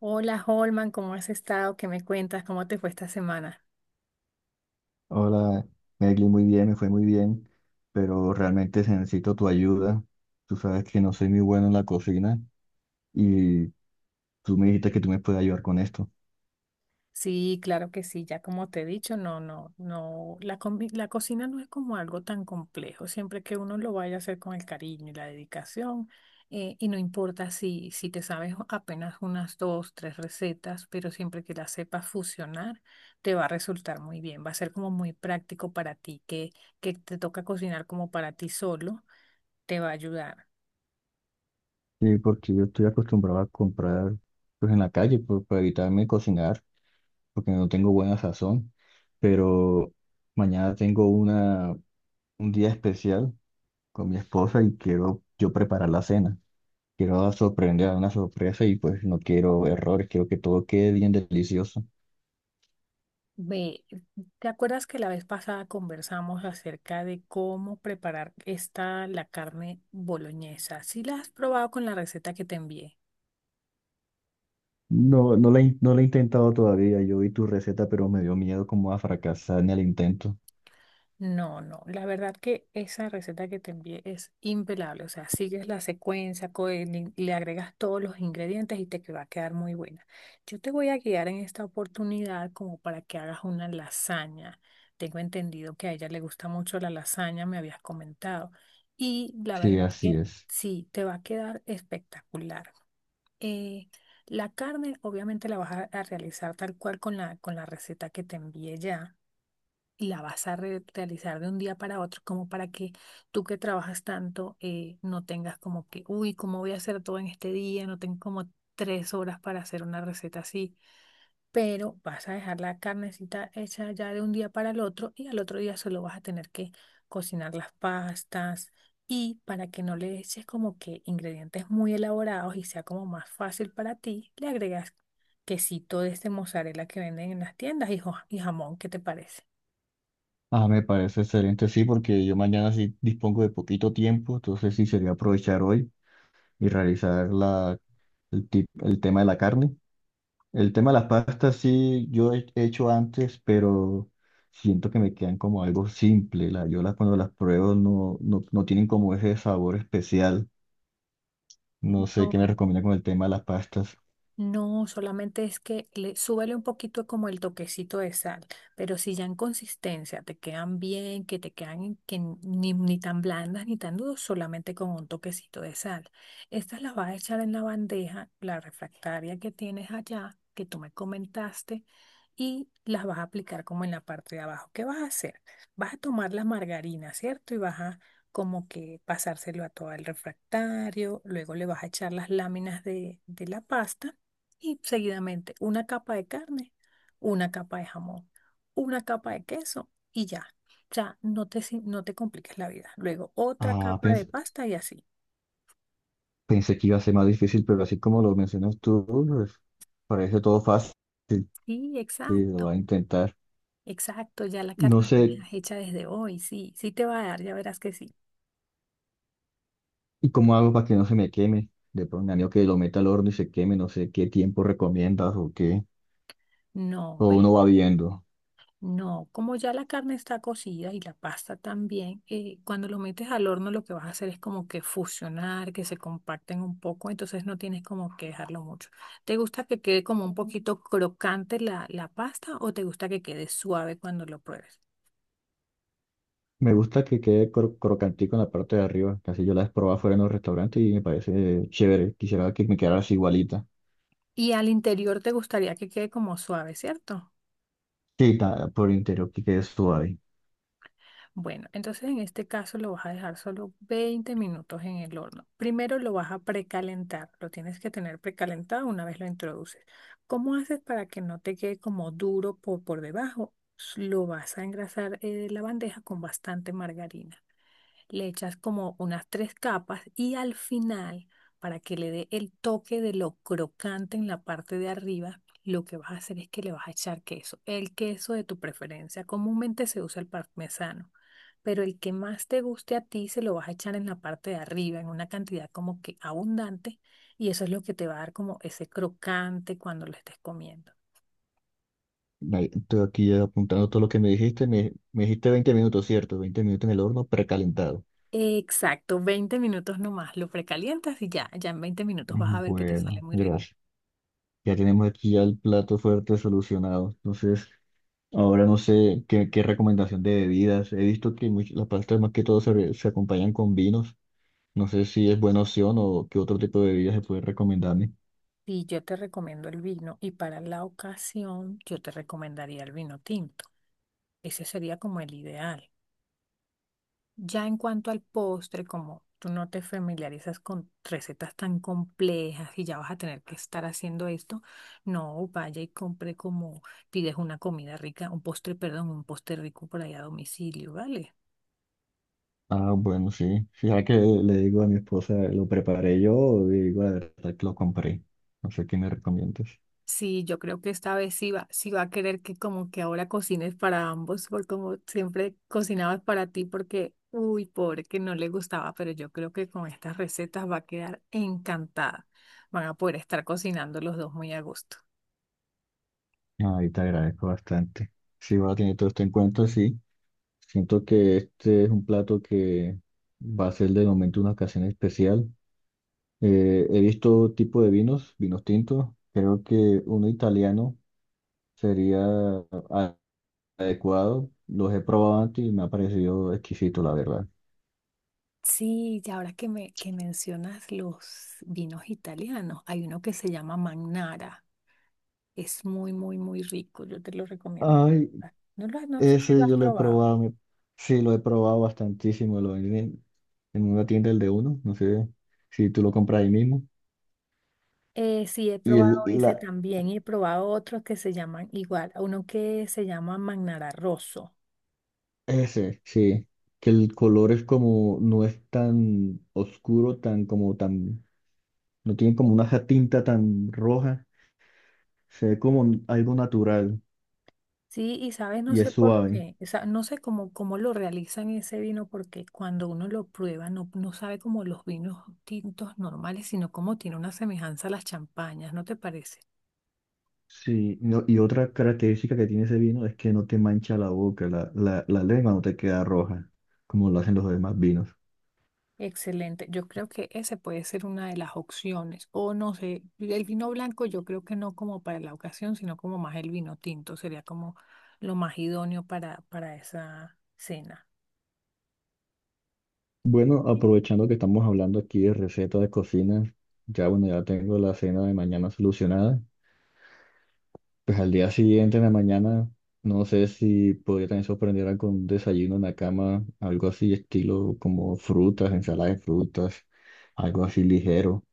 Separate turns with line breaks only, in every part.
Hola Holman, ¿cómo has estado? ¿Qué me cuentas? ¿Cómo te fue esta semana?
Hola, Egli, muy bien, me fue muy bien, pero realmente necesito tu ayuda. Tú sabes que no soy muy bueno en la cocina y tú me dijiste que tú me puedes ayudar con esto.
Sí, claro que sí, ya como te he dicho, no, no, no, la cocina no es como algo tan complejo, siempre que uno lo vaya a hacer con el cariño y la dedicación, y no importa si te sabes apenas unas dos, tres recetas, pero siempre que las sepas fusionar, te va a resultar muy bien, va a ser como muy práctico para ti, que te toca cocinar como para ti solo, te va a ayudar.
Sí, porque yo estoy acostumbrado a comprar pues en la calle para evitarme cocinar, porque no tengo buena sazón, pero mañana tengo un día especial con mi esposa y quiero yo preparar la cena. Quiero sorprender a una sorpresa y pues no quiero errores, quiero que todo quede bien delicioso.
Ve, ¿te acuerdas que la vez pasada conversamos acerca de cómo preparar la carne boloñesa? ¿Sí la has probado con la receta que te envié?
No, no la he intentado todavía. Yo vi tu receta, pero me dio miedo como a fracasar en el intento.
No, no, la verdad que esa receta que te envié es impelable, o sea, sigues la secuencia, y le agregas todos los ingredientes y va a quedar muy buena. Yo te voy a guiar en esta oportunidad como para que hagas una lasaña. Tengo entendido que a ella le gusta mucho la lasaña, me habías comentado. Y la
Sí,
verdad
así
que
es.
sí, te va a quedar espectacular. Eh, la carne obviamente la vas a realizar tal cual con la receta que te envié, ya la vas a realizar de un día para otro, como para que tú que trabajas tanto no tengas como que, uy, ¿cómo voy a hacer todo en este día? No tengo como 3 horas para hacer una receta así, pero vas a dejar la carnecita hecha ya de un día para el otro y al otro día solo vas a tener que cocinar las pastas. Y para que no le eches como que ingredientes muy elaborados y sea como más fácil para ti, le agregas quesito de este mozzarella que venden en las tiendas y, y jamón, ¿qué te parece?
Ah, me parece excelente, sí, porque yo mañana sí dispongo de poquito tiempo, entonces sí sería aprovechar hoy y realizar el tema de la carne. El tema de las pastas sí yo he hecho antes, pero siento que me quedan como algo simple. La, yo las Cuando las pruebo no tienen como ese sabor especial. No sé qué me
No.
recomienda con el tema de las pastas.
No, solamente es que le súbele un poquito como el toquecito de sal, pero si ya en consistencia te quedan bien, que te quedan que ni, ni tan blandas ni tan duras, solamente con un toquecito de sal. Estas las vas a echar en la bandeja, la refractaria que tienes allá, que tú me comentaste, y las vas a aplicar como en la parte de abajo. ¿Qué vas a hacer? Vas a tomar la margarina, ¿cierto? Y vas a como que pasárselo a todo el refractario, luego le vas a echar las láminas de la pasta y seguidamente una capa de carne, una capa de jamón, una capa de queso y ya. O sea, no te, no te compliques la vida. Luego otra
Ah,
capa de
pens-
pasta y así.
Pensé que iba a ser más difícil, pero así como lo mencionas tú, pues, parece todo fácil,
Sí,
que lo
exacto,
va a intentar.
exacto. Ya la
No
carne la
sé,
dejas hecha desde hoy. Sí, sí te va a dar, ya verás que sí.
¿y cómo hago para que no se me queme? De pronto, anillo que lo meta al horno y se queme, no sé qué tiempo recomiendas o qué,
No,
o
ve.
uno va viendo.
No, como ya la carne está cocida y la pasta también, cuando lo metes al horno lo que vas a hacer es como que fusionar, que se comparten un poco, entonces no tienes como que dejarlo mucho. ¿Te gusta que quede como un poquito crocante la pasta o te gusta que quede suave cuando lo pruebes?
Me gusta que quede crocantico en la parte de arriba, casi yo la he probado fuera en los restaurantes y me parece chévere. Quisiera que me quedara así igualita.
Y al interior te gustaría que quede como suave, ¿cierto?
Sí, por interior que quede suave.
Bueno, entonces en este caso lo vas a dejar solo 20 minutos en el horno. Primero lo vas a precalentar, lo tienes que tener precalentado una vez lo introduces. ¿Cómo haces para que no te quede como duro por debajo? Lo vas a engrasar la bandeja con bastante margarina, le echas como unas tres capas y al final, para que le dé el toque de lo crocante en la parte de arriba, lo que vas a hacer es que le vas a echar queso, el queso de tu preferencia. Comúnmente se usa el parmesano, pero el que más te guste a ti se lo vas a echar en la parte de arriba, en una cantidad como que abundante, y eso es lo que te va a dar como ese crocante cuando lo estés comiendo.
Ahí, estoy aquí apuntando todo lo que me dijiste. Me dijiste 20 minutos, ¿cierto? 20 minutos en el horno precalentado.
Exacto, 20 minutos nomás, lo precalientas y ya, ya en 20 minutos vas a ver que te sale
Bueno,
muy rico.
gracias. Ya tenemos aquí ya el plato fuerte solucionado. Entonces, ahora no sé qué, qué recomendación de bebidas. He visto que las pastas más que todo se acompañan con vinos. No sé si es buena opción o qué otro tipo de bebidas se puede recomendarme.
Y yo te recomiendo el vino y para la ocasión yo te recomendaría el vino tinto. Ese sería como el ideal. Ya en cuanto al postre, como tú no te familiarizas con recetas tan complejas y ya vas a tener que estar haciendo esto, no vaya y compre como pides una comida rica, un postre, perdón, un postre rico por allá a domicilio, ¿vale?
Ah, bueno, sí. Sí, ya que le digo a mi esposa, lo preparé yo o le digo la verdad que lo compré. No sé qué me recomiendas.
Sí, yo creo que esta vez sí va a querer que como que ahora cocines para ambos, porque como siempre cocinabas para ti, porque, uy, pobre, que no le gustaba, pero yo creo que con estas recetas va a quedar encantada. Van a poder estar cocinando los dos muy a gusto.
Ahí te agradezco bastante. Sí, voy a tener todo esto en cuenta, sí. Siento que este es un plato que va a ser de momento una ocasión especial. He visto tipo de vinos, vinos tintos. Creo que uno italiano sería a- adecuado. Los he probado antes y me ha parecido exquisito, la verdad.
Sí, y ahora que me que mencionas los vinos italianos, hay uno que se llama Magnara. Es muy, muy, muy rico. Yo te lo recomiendo.
Ay,
No sé si lo
ese
has
yo lo he
probado.
probado. Sí, lo he probado bastantísimo. Lo venden en una tienda, el de uno. No sé si tú lo compras ahí mismo.
Sí, he
Y el,
probado ese también y he probado otros que se llaman igual, uno que se llama Magnara Rosso.
Ese, sí. Que el color es como, no es tan oscuro, tan como tan, no tiene como una tinta tan roja. Se ve como algo natural
Sí, y sabes, no
y
sé
es
por
suave.
qué, o sea, no sé cómo lo realizan ese vino, porque cuando uno lo prueba no sabe como los vinos tintos normales, sino como tiene una semejanza a las champañas, ¿no te parece?
Sí, y otra característica que tiene ese vino es que no te mancha la boca, la lengua no te queda roja, como lo hacen los demás vinos.
Excelente. Yo creo que ese puede ser una de las opciones. O no sé, el vino blanco yo creo que no como para la ocasión, sino como más el vino tinto. Sería como lo más idóneo para esa cena.
Bueno, aprovechando que estamos hablando aquí de recetas de cocina, ya bueno, ya tengo la cena de mañana solucionada. Pues al día siguiente, en la mañana, no sé si podría también sorprenderla con un desayuno en la cama, algo así, estilo como frutas, ensalada de frutas, algo así ligero.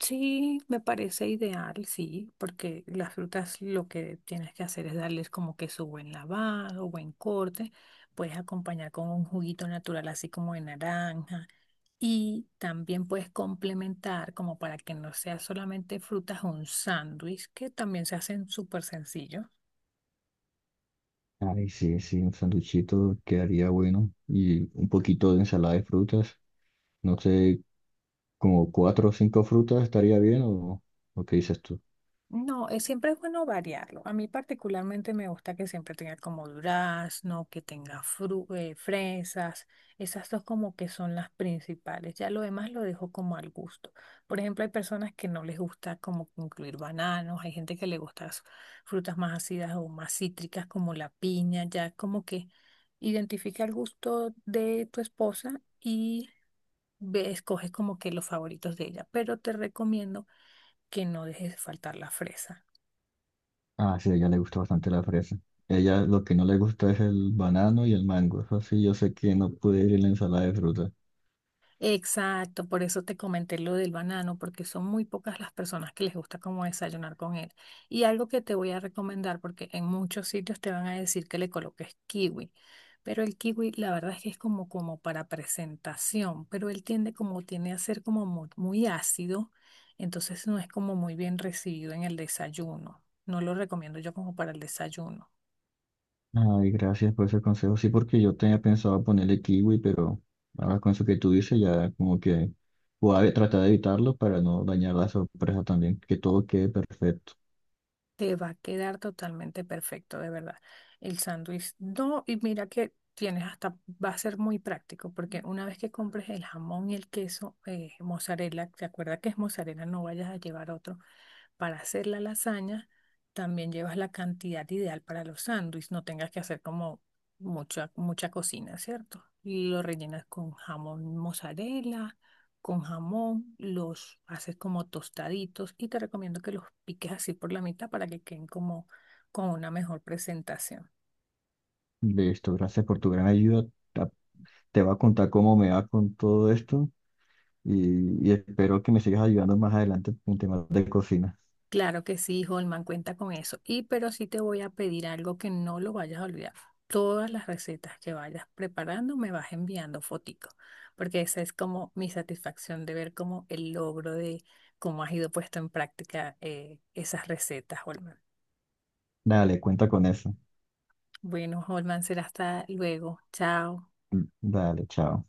Sí, me parece ideal, sí, porque las frutas lo que tienes que hacer es darles como que su buen lavado, buen corte. Puedes acompañar con un juguito natural así como de naranja. Y también puedes complementar, como para que no sea solamente frutas, un sándwich, que también se hacen súper sencillo.
Ay, sí, sí, un sanduchito quedaría bueno y un poquito de ensalada de frutas. No sé, como cuatro o cinco frutas estaría bien o qué dices tú.
No, siempre es bueno variarlo. A mí particularmente me gusta que siempre tenga como durazno, que tenga fresas. Esas dos como que son las principales. Ya lo demás lo dejo como al gusto. Por ejemplo, hay personas que no les gusta como incluir bananos, hay gente que le gusta frutas más ácidas o más cítricas como la piña. Ya como que identifica el gusto de tu esposa y escoges como que los favoritos de ella. Pero te recomiendo que no dejes faltar la fresa.
Ah, sí, a ella le gusta bastante la fresa. Ella lo que no le gusta es el banano y el mango. Eso sí, yo sé que no puede ir en la ensalada de frutas.
Exacto, por eso te comenté lo del banano, porque son muy pocas las personas que les gusta como desayunar con él. Y algo que te voy a recomendar, porque en muchos sitios te van a decir que le coloques kiwi, pero el kiwi la verdad es que es como, como para presentación, pero él tiende como tiene a ser como muy, muy ácido, entonces no es como muy bien recibido en el desayuno. No lo recomiendo yo como para el desayuno.
Ay, gracias por ese consejo. Sí, porque yo tenía pensado ponerle kiwi, pero ahora con eso que tú dices, ya como que voy a tratar de evitarlo para no dañar la sorpresa también, que todo quede perfecto.
Te va a quedar totalmente perfecto, de verdad. El sándwich, no, y mira que tienes hasta, va a ser muy práctico, porque una vez que compres el jamón y el queso, mozzarella, te acuerdas que es mozzarella, no vayas a llevar otro. Para hacer la lasaña, también llevas la cantidad ideal para los sándwiches, no tengas que hacer como mucha, mucha cocina, ¿cierto? Y lo rellenas con jamón mozzarella con jamón, los haces como tostaditos y te recomiendo que los piques así por la mitad para que queden como con una mejor presentación.
Listo, gracias por tu gran ayuda. Ta- Te voy a contar cómo me va con todo esto y espero que me sigas ayudando más adelante con temas de cocina.
Claro que sí, Holman, cuenta con eso. Y pero sí te voy a pedir algo que no lo vayas a olvidar. Todas las recetas que vayas preparando me vas enviando fotico, porque esa es como mi satisfacción de ver como el logro de cómo has ido puesto en práctica esas recetas, Holman.
Dale, cuenta con eso.
Bueno, Holman, será hasta luego. Chao.
Mm, dale, chao.